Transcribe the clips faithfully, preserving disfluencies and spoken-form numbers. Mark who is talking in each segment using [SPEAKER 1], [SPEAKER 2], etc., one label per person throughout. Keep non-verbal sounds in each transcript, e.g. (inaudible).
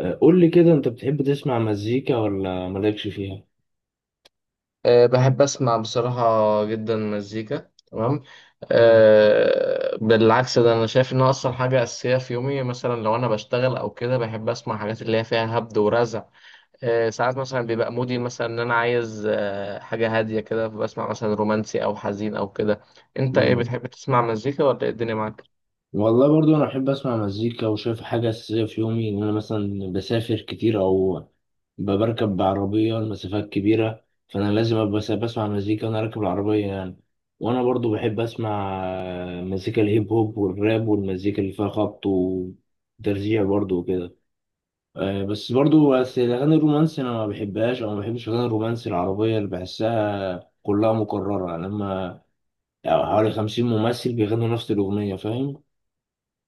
[SPEAKER 1] آه، قول لي كده، انت بتحب تسمع مزيكا ولا مالكش فيها؟
[SPEAKER 2] أه، بحب أسمع بصراحة جدا مزيكا، تمام.
[SPEAKER 1] مم.
[SPEAKER 2] أه، بالعكس ده أنا شايف إنها أصلا حاجة أساسية في يومي، مثلا لو أنا بشتغل أو كده بحب أسمع حاجات اللي هي فيها هبد ورزع. أه، ساعات مثلا بيبقى مودي مثلا إن أنا عايز أه حاجة هادية كده، فبسمع مثلا رومانسي أو حزين أو كده. أنت إيه
[SPEAKER 1] مم.
[SPEAKER 2] بتحب تسمع مزيكا ولا إيه الدنيا معاك؟
[SPEAKER 1] والله برضو انا بحب اسمع مزيكا، وشايف حاجه اساسيه في يومي ان انا مثلا بسافر كتير او بركب بعربيه المسافات كبيره، فانا لازم ابقى سا- بسمع مزيكا وانا راكب العربيه يعني. وانا برضو بحب اسمع آه، مزيكا الهيب هوب والراب والمزيكا اللي فيها خبط وترزيع برضو وكده. آه، بس برضو بس الأغاني الرومانسي أنا ما بحبهاش أو ما بحبش الأغاني الرومانسي العربية اللي بحسها كلها مكررة، يعني لما يعني حوالي خمسين ممثل بيغنوا نفس الأغنية، فاهم؟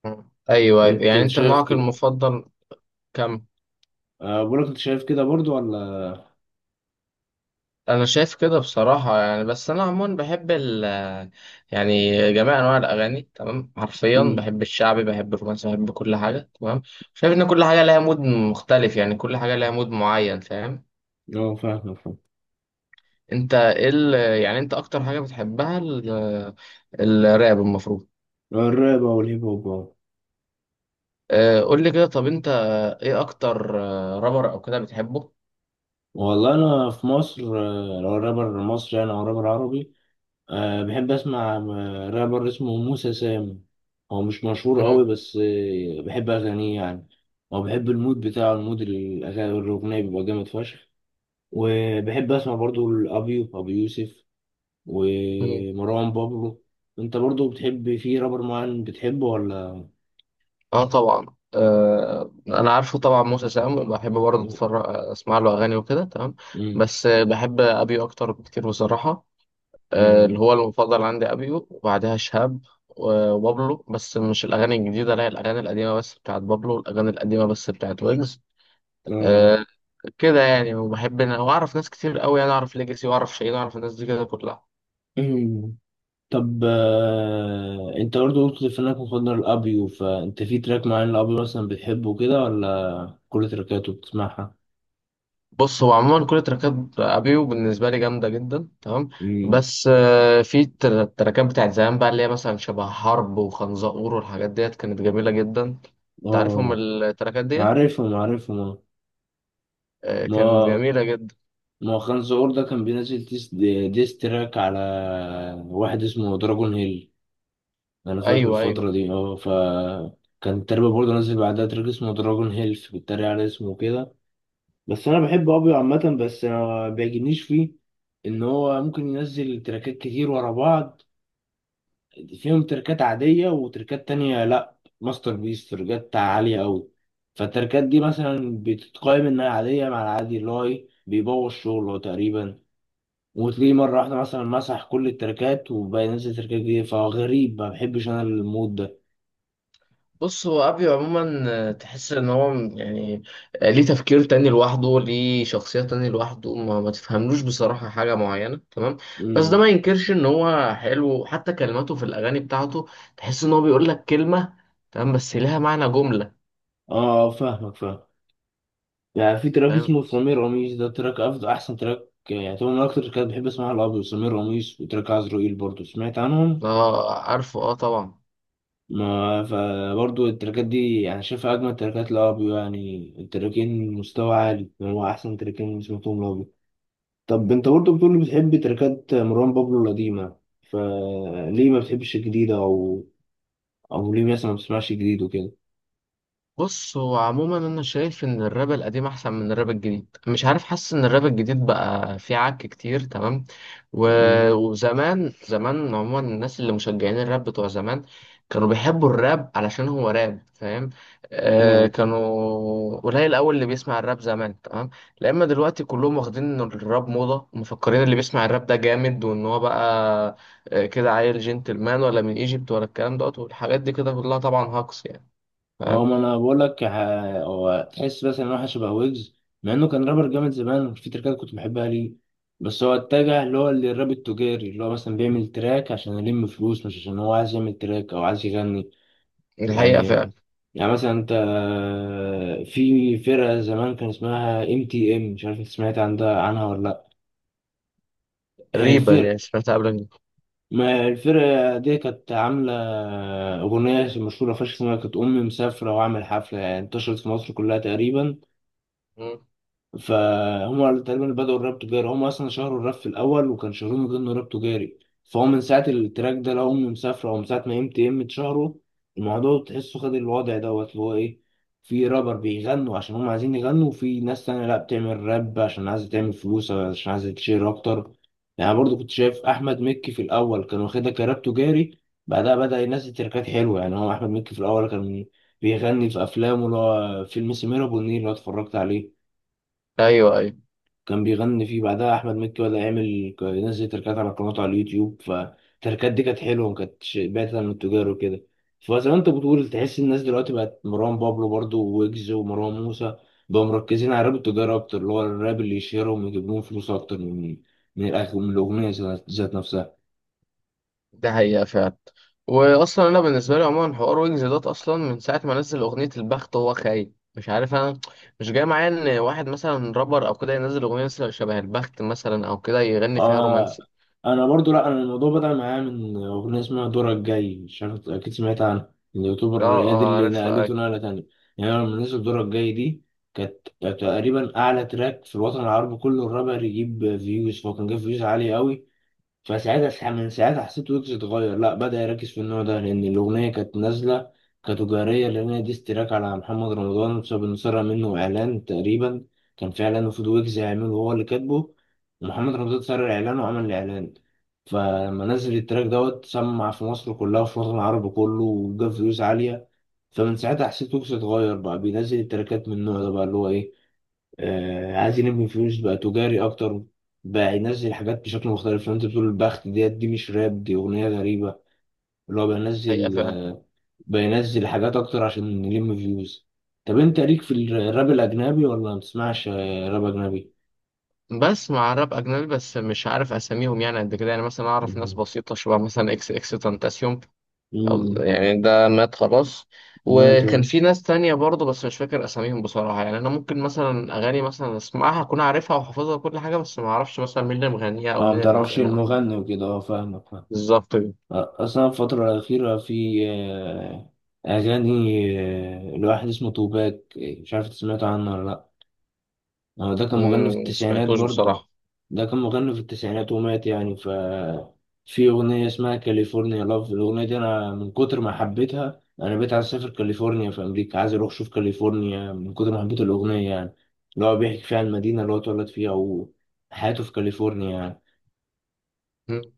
[SPEAKER 2] مم. أيوه أيوة. يعني
[SPEAKER 1] أنت
[SPEAKER 2] أنت
[SPEAKER 1] شايف
[SPEAKER 2] نوعك
[SPEAKER 1] كده؟
[SPEAKER 2] المفضل؟ كم؟
[SPEAKER 1] آه، بقولك أنت شايف كده برضو ولا؟
[SPEAKER 2] انا شايف كده بصراحه، يعني بس انا عموما بحب ال يعني جميع انواع الاغاني تمام، حرفيا
[SPEAKER 1] مم.
[SPEAKER 2] بحب الشعبي، بحب الرومانسي، بحب كل حاجه تمام. شايف ان كل حاجه لها مود مختلف، يعني كل حاجه لها مود معين، فاهم.
[SPEAKER 1] أه، فاهم فاهم.
[SPEAKER 2] انت ايه ال- يعني انت اكتر حاجه بتحبها ال- الراب المفروض.
[SPEAKER 1] الراب أو الهيب هوب أهو.
[SPEAKER 2] آه، قول لي كده طب انت ايه اكتر آه، رابر او كده بتحبه.
[SPEAKER 1] والله أنا في مصر، آه، لو رابر مصري يعني أو رابر عربي، أه بحب أسمع م- رابر اسمه موسى سام. هو مش مشهور قوي، بس آه، بحب أغانيه يعني. أو بحب المود بتاعه، المود الأغاني الأغنية بيبقى جامد فشخ. وبحب أسمع برضو الأبيو أبو يوسف
[SPEAKER 2] مم.
[SPEAKER 1] ومروان بابلو. أنت برضو بتحب في رابر معين بتحبه ولا؟
[SPEAKER 2] اه طبعا. آه انا عارفه طبعا، موسى سام بحب برضه اتفرج، اسمع له اغاني وكده تمام.
[SPEAKER 1] مم.
[SPEAKER 2] بس آه، بحب ابيو اكتر بكتير بصراحه. آه،
[SPEAKER 1] مم.
[SPEAKER 2] اللي هو المفضل عندي ابيو وبعدها شهاب و- وبابلو، بس مش الاغاني الجديده، لا الاغاني القديمه بس بتاعت بابلو، الاغاني القديمه بس بتاعت ويجز.
[SPEAKER 1] آه.
[SPEAKER 2] آه، كده يعني، وبحب إن- واعرف ناس كتير قوي، يعني اعرف ليجاسي واعرف شيرين واعرف الناس دي كده كلها.
[SPEAKER 1] (clears throat) مم. طب آه، أنت برضو قلت في إنك مفضل الأبيو، فأنت في تراك معين الأبيو مثلا بتحبه كده ولا كل تركاته بتسمعها؟
[SPEAKER 2] بص هو عموما كل تراكات ابيو بالنسبه لي جامده جدا تمام.
[SPEAKER 1] مم.
[SPEAKER 2] بس آه، في تر- التراكات بتاعت زمان بقى اللي هي مثلا شبه حرب وخنزقور والحاجات ديت كانت جميله جدا. تعرفهم
[SPEAKER 1] اه،
[SPEAKER 2] التراكات ديت.
[SPEAKER 1] عارفهم عارفهم آه.
[SPEAKER 2] آه، كانت
[SPEAKER 1] ما
[SPEAKER 2] جميله جدا.
[SPEAKER 1] ما خان زقور ده كان بينزل ديس, ديس تراك على واحد اسمه دراجون هيل. انا فاكر
[SPEAKER 2] ايوه ايوه.
[SPEAKER 1] الفترة دي، اه ف كان تقريبا برضه نزل بعدها تراك اسمه دراجون هيل بيتريق على اسمه كده. بس انا بحب ابيو عامة، بس أنا ما بيعجبنيش فيه ان هو ممكن ينزل تراكات كتير ورا بعض، فيهم تركات عادية وتركات تانية لأ، ماستر بيس تركات عالية أوي. فالتركات دي مثلا بتتقايم إنها عادية، مع العادي اللي هو إيه بيبوظ شغله تقريبا. وتلاقيه مرة واحدة مثلا مسح كل التركات وبقى ينزل تركات جديدة، فغريب ما بحبش أنا المود ده.
[SPEAKER 2] بص هو ابيو عموما، آه، تحس ان هو م- يعني آه، ليه تفكير تاني لوحده، ليه شخصية تاني لوحده، ما, ما تفهملوش بصراحة حاجة معينة تمام. بس ده
[SPEAKER 1] مم.
[SPEAKER 2] ما ينكرش ان هو حلو، حتى كلماته في الاغاني بتاعته تحس ان هو بيقول لك كلمة تمام بس لها معنى جملة.
[SPEAKER 1] آه آه، فاهمك فاهم. يعني في تراك
[SPEAKER 2] فاهم.
[SPEAKER 1] اسمه سمير قميص، ده تراك أفضل أحسن تراك يعني، طبعا من أكتر التراكات بحب أسمعها الأبيض سمير قميص وتراك عزرائيل، برضه سمعت عنهم؟
[SPEAKER 2] اه عارفه اه طبعا.
[SPEAKER 1] ما فبرضه التراكات دي أنا شايفها أجمل تراكات لأبيو، يعني التراكين مستوى عالي يعني، هو أحسن تراكين سمعتهم لأبيو. طب أنت برضه بتقول بتحب تراكات مروان بابلو القديمة، فليه ما بتحبش الجديدة، أو أو ليه مثلا ما بتسمعش جديد وكده؟
[SPEAKER 2] بص هو عموما انا شايف ان الراب القديم احسن من الراب الجديد، مش عارف، حاسس ان الراب الجديد بقى فيه عك كتير تمام. و...
[SPEAKER 1] مم.
[SPEAKER 2] وزمان زمان عموما الناس اللي مشجعين الراب بتوع زمان كانوا بيحبوا الراب علشان هو راب، فاهم. آه
[SPEAKER 1] اه،
[SPEAKER 2] كانوا قليل الاول اللي بيسمع الراب زمان تمام. لأما دلوقتي كلهم واخدين ان الراب موضة ومفكرين اللي بيسمع الراب ده جامد وان هو بقى آه، كده عيل جنتلمان ولا من ايجيبت ولا الكلام دوت والحاجات دي كده كلها طبعا هاكس يعني.
[SPEAKER 1] هو ما انا بقول لك ه- هو تحس بس ان هو شبه ويجز. مع انه كان رابر جامد زمان، في تريكات كنت بحبها ليه. بس هو اتجه اللي هو للراب التجاري، اللي هو مثلا بيعمل تراك عشان يلم فلوس، مش عشان هو عايز يعمل تراك او عايز يغني
[SPEAKER 2] الحقيقة
[SPEAKER 1] يعني.
[SPEAKER 2] فعلا.
[SPEAKER 1] يعني مثلا انت، في فرقة زمان كان اسمها ام تي ام، مش عارف انت سمعت عن ده عنها ولا لا. هي
[SPEAKER 2] ريبا،
[SPEAKER 1] الفرق،
[SPEAKER 2] يعني سمعتها قبل كده.
[SPEAKER 1] ما الفرقة دي كانت عاملة أغنية مشهورة فشخ اسمها كانت أمي مسافرة وأعمل حفلة، يعني انتشرت في مصر كلها تقريبا.
[SPEAKER 2] مم.
[SPEAKER 1] فهم تقريبا بدأوا الراب تجاري، هم أصلا شهروا الراب في الأول وكان شهرهم من ضمن راب تجاري. فهو من ساعة التراك ده لو هم مسافرة، أو من ساعة ما ام تي ام اتشهروا، الموضوع تحسه خد الوضع دوت اللي هو إيه، في رابر بيغنوا عشان هم عايزين يغنوا، وفي ناس تانية لأ بتعمل راب عشان عايزة تعمل فلوس أو عشان عايزة تشير أكتر. يعني برضو كنت شايف أحمد مكي في الأول كان واخدها كراب تجاري، بعدها بدأ ينزل تركات حلوة. يعني هو أحمد مكي في الأول كان بيغني في أفلامه، اللي هو فيلم سمير أبو النيل اللي أنا اتفرجت عليه
[SPEAKER 2] أيوه أيوه.
[SPEAKER 1] كان بيغني فيه. بعدها احمد مكي ولا يعمل ينزل تركات على قناته على اليوتيوب، فالتركات دي كانت حلوه ما كانتش بعيده عن التجار وكده. فزي ما انت بتقول، تحس الناس دلوقتي بقت مروان بابلو برضو ويجز ومروان موسى بقوا مركزين على الراب التجاري اكتر، اللي هو الراب اللي يشهرهم ويجيب لهم فلوس اكتر من من الأغ- من الاغنيه ذات ذات نفسها.
[SPEAKER 2] ده حقيقة فعلا. وأصلا أنا بالنسبة لي عموما حوار ويجز دوت أصلا من ساعة ما نزل أغنية البخت، هو خايب مش عارف أنا، مش جاي معايا إن واحد مثلا رابر أو كده ينزل أغنية مثلا شبه البخت مثلا أو كده يغني فيها
[SPEAKER 1] آه،
[SPEAKER 2] رومانسي.
[SPEAKER 1] انا برضو، لا انا الموضوع بدأ معايا من اغنيه اسمها دورك الجاي، مش عارف اكيد سمعت عنها،
[SPEAKER 2] أه،
[SPEAKER 1] اليوتيوبر هي دي
[SPEAKER 2] أه،
[SPEAKER 1] اللي
[SPEAKER 2] عارف
[SPEAKER 1] نقلته
[SPEAKER 2] أيوه.
[SPEAKER 1] نقله تانية. يعني أنا لما نزل دورك الجاي دي، كانت كانت تقريبا اعلى تراك في الوطن العربي كله الرابر يجيب فيوز، فهو كان جايب فيوز عاليه قوي. فساعتها س- من ساعتها حسيت ويجز اتغير، لا بدأ يركز في النوع ده، لأن الأغنية كانت نازلة كتجارية، لأن هي ديستراك على محمد رمضان بسبب إنه سرق منه إعلان تقريبا. كان في إعلان المفروض ويجز يعمله هو اللي كاتبه، ومحمد رمضان سرق إعلانه وعمل الإعلان. فلما نزل التراك دوت سمع في مصر كلها وفي الوطن العربي كله وجاب فيوز عالية. فمن ساعتها حسيت ويجز اتغير، بقى بينزل التراكات من النوع ده، بقى اللي هو إيه آه عايز يلم فلوس، بقى تجاري اكتر، بقى ينزل حاجات بشكل مختلف. لو انت بتقول البخت ديت، دي مش راب، دي اغنيه غريبه اللي هو
[SPEAKER 2] حقيقة
[SPEAKER 1] بينزل
[SPEAKER 2] فعلا.
[SPEAKER 1] آه بينزل حاجات اكتر عشان يلم فيوز. طب انت ليك في الراب الاجنبي ولا ما بتسمعش آه، راب اجنبي؟
[SPEAKER 2] بسمع راب أجنبي بس مش عارف أساميهم، يعني قد كده يعني مثلا أعرف ناس
[SPEAKER 1] مهم.
[SPEAKER 2] بسيطة شبه مثلا إكس إكس تنتاسيوم. الله
[SPEAKER 1] امم.
[SPEAKER 2] يعني ده مات خلاص.
[SPEAKER 1] ما
[SPEAKER 2] وكان
[SPEAKER 1] تو-
[SPEAKER 2] في ناس تانية برضه بس مش فاكر أساميهم بصراحة، يعني أنا ممكن مثلا أغاني مثلا أسمعها أكون عارفها وحافظها وكل حاجة بس ما أعرفش مثلا مين اللي مغنيها أو
[SPEAKER 1] اه، ما
[SPEAKER 2] مين اللي
[SPEAKER 1] تعرفش
[SPEAKER 2] عاملها أو مين.
[SPEAKER 1] المغني وكده، اه فاهمك فاهم.
[SPEAKER 2] بالظبط كده.
[SPEAKER 1] آه، اصلا الفتره الاخيره، في آه، اغاني آه، لواحد اسمه توباك، آه، مش عارف إنت سمعت عنه ولا لا. هو ده كان مغني في
[SPEAKER 2] أمم، ما
[SPEAKER 1] التسعينات
[SPEAKER 2] سمعتوش
[SPEAKER 1] برضه،
[SPEAKER 2] بصراحة.
[SPEAKER 1] ده كان مغني في التسعينات ومات يعني، ف في أغنية اسمها كاليفورنيا لاف، الأغنية دي أنا من كتر ما حبيتها أنا بقيت عايز أسافر كاليفورنيا في أمريكا، عايز أروح أشوف كاليفورنيا من كتر ما حبيت الأغنية يعني، اللي هو بيحكي فيها المدينة اللي هو اتولد فيها وحياته في كاليفورنيا.
[SPEAKER 2] أمم،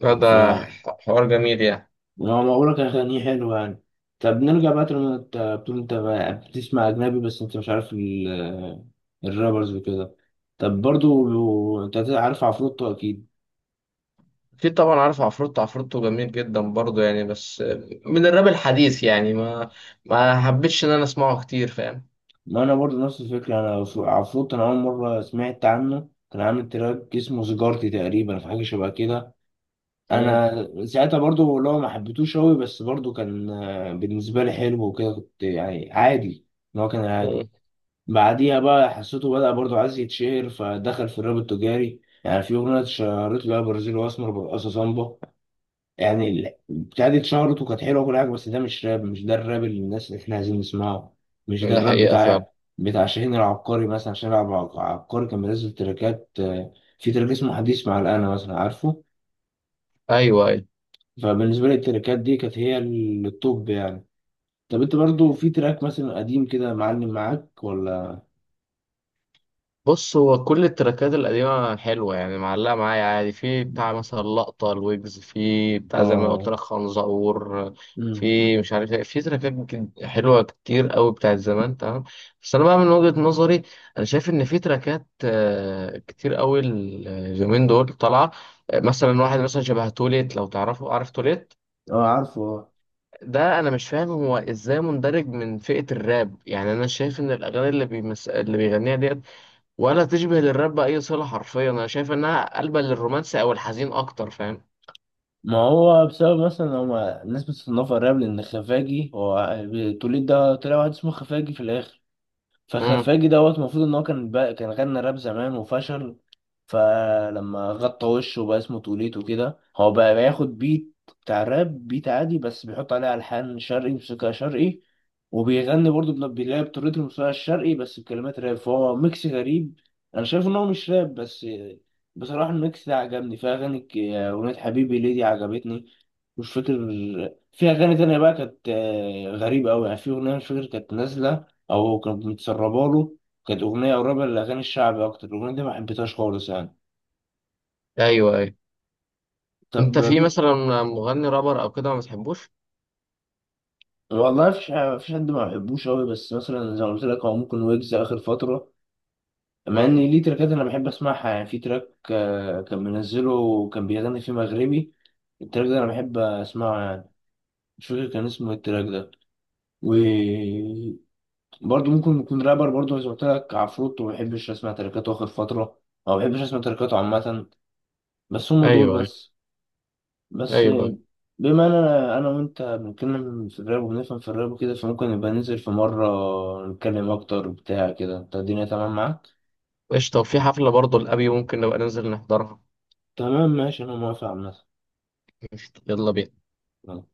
[SPEAKER 2] لا،
[SPEAKER 1] يعني، ف
[SPEAKER 2] ده حوار جميل يعني.
[SPEAKER 1] أنا بقولك أغانيه حلوة يعني. طب نرجع بقى، لما أنت بتقول أنت بقى بتسمع أجنبي بس أنت مش عارف ال- الرابرز وكده، طب برضو أنت عارف عفروتو أكيد.
[SPEAKER 2] أكيد طبعا عارف عفروتو، عفروتو جميل جدا برضه يعني، بس من الراب الحديث يعني ما ما حبيتش إن أنا أسمعه كتير، فاهم.
[SPEAKER 1] ما انا برضو نفس الفكره، انا عف- عفروت انا اول مره سمعت عنه كان عامل تراك اسمه سيجارتي تقريبا، في حاجه شبه كده.
[SPEAKER 2] أمم.
[SPEAKER 1] انا ساعتها برضو لو ما حبيتوش قوي، بس برضو كان آه، بالنسبه لي حلو وكده، كنت يعني عادي ان هو كان عادي.
[SPEAKER 2] أمم.
[SPEAKER 1] بعديها بقى حسيته بدأ برضو عايز يتشهر، فدخل في الراب التجاري، يعني في اغنيه اتشهرت له برازيل واسمر برقصه صامبا. يعني ال- البتاع دي اتشهرت وكانت حلوه وكل حاجه، بس ده مش راب، مش ده الراب اللي الناس اللي احنا عايزين نسمعه. مش ده
[SPEAKER 2] ده
[SPEAKER 1] الراب
[SPEAKER 2] حقيقة فعلا.
[SPEAKER 1] بتاع بتاع شاهين العبقري. مثلا شاهين العب- العبقري كان بينزل تراكات، آه، في تراك اسمه حديث مع الأنا مثلا، عارفه؟
[SPEAKER 2] أيوه أيوه.
[SPEAKER 1] فبالنسبه لي التراكات دي كانت هي ال- التوب يعني. طب انت برضو في تراك مثلا قديم كده معلم معاك ولا؟
[SPEAKER 2] بص هو كل التراكات القديمة حلوة يعني معلقة معايا عادي، في بتاع مثلا لقطة الويجز، في بتاع زي ما قلت
[SPEAKER 1] اه.
[SPEAKER 2] لك خنزقور،
[SPEAKER 1] امم.
[SPEAKER 2] في مش عارف ايه، في تراكات جد- حلوة كتير قوي بتاعت زمان تمام. بس أنا بقى من وجهة نظري، أنا شايف إن في تراكات آه، كتير قوي اليومين دول طالعة. آه، مثلا واحد مثلا شبه توليت، لو تعرفه، عارف توليت.
[SPEAKER 1] اه، عارفه آه.
[SPEAKER 2] ده انا مش فاهم هو ازاي مندرج من فئة الراب، يعني انا شايف ان الاغاني اللي بيمس... اللي بيغنيها ديت ولا تشبه للراب بأي صلة، حرفيا أنا شايف إنها قلبة للرومانسي أو الحزين أكتر، فاهم.
[SPEAKER 1] ما هو بسبب مثلا هما الناس بتصنفها راب لان خفاجي، هو التوليد ده طلع واحد اسمه خفاجي في الاخر.
[SPEAKER 2] امم.
[SPEAKER 1] فخفاجي دوت المفروض ان هو كان بقى كان غنى راب زمان وفشل. فلما غطى وشه بقى اسمه توليتو كده، هو بقى بياخد بيت بتاع راب، بيت عادي بس بيحط عليه ألحان شرقي موسيقى شرقي، وبيغني برضه بن- بيلاقي بطريقة الموسيقى الشرقي بس بكلمات راب، فهو ميكس غريب. أنا شايف إن هو مش راب، بس بصراحة الميكس ده عجبني، فيها أغاني ك- أغنية حبيبي ليدي عجبتني، مش فاكر. في أغاني تانية بقى كانت آه، غريبة أوي، يعني في أغنية مش فاكر كانت نازلة أو كانت متسربة له، كانت أغنية قريبة للأغاني الشعبي أكتر، الأغنية دي ما حبيتهاش خالص يعني.
[SPEAKER 2] أيوه أيوه.
[SPEAKER 1] طب،
[SPEAKER 2] أنت في مثلا مغني رابر أو كده ما بتحبوش؟
[SPEAKER 1] والله مفيش مفيش حد ما بحبوش أوي، بس مثلا زي ما قلت لك هو ممكن ويجز آخر فترة، مع إن
[SPEAKER 2] امم.
[SPEAKER 1] ليه تراكات أنا بحب أسمعها، يعني في تراك آه، كان منزله وكان بيغني فيه مغربي، التراك ده أنا بحب أسمعه يعني، مش فاكر كان اسمه إيه التراك ده. وبرضه ممكن يكون رابر برضه زي ما قلت لك عفروتو، ما بحبش أسمع تراكاته آخر فترة، أو ما بحبش أسمع تراكاته عامة. بس هم دول
[SPEAKER 2] أيوه أيوه.
[SPEAKER 1] بس.
[SPEAKER 2] أيوه
[SPEAKER 1] بس
[SPEAKER 2] أيوه.
[SPEAKER 1] بما ان انا انا وانت بنتكلم في الراب وبنفهم في الراب وكده، فممكن نبقى ننزل في مرة نتكلم اكتر بتاع كده، انت الدنيا تمام معاك؟
[SPEAKER 2] قشطة، وفي حفلة برضه لأبي ممكن نبقى ننزل نحضرها.
[SPEAKER 1] تمام ماشي انا موافق.
[SPEAKER 2] قشطة، يلا بينا.
[SPEAKER 1] عامة.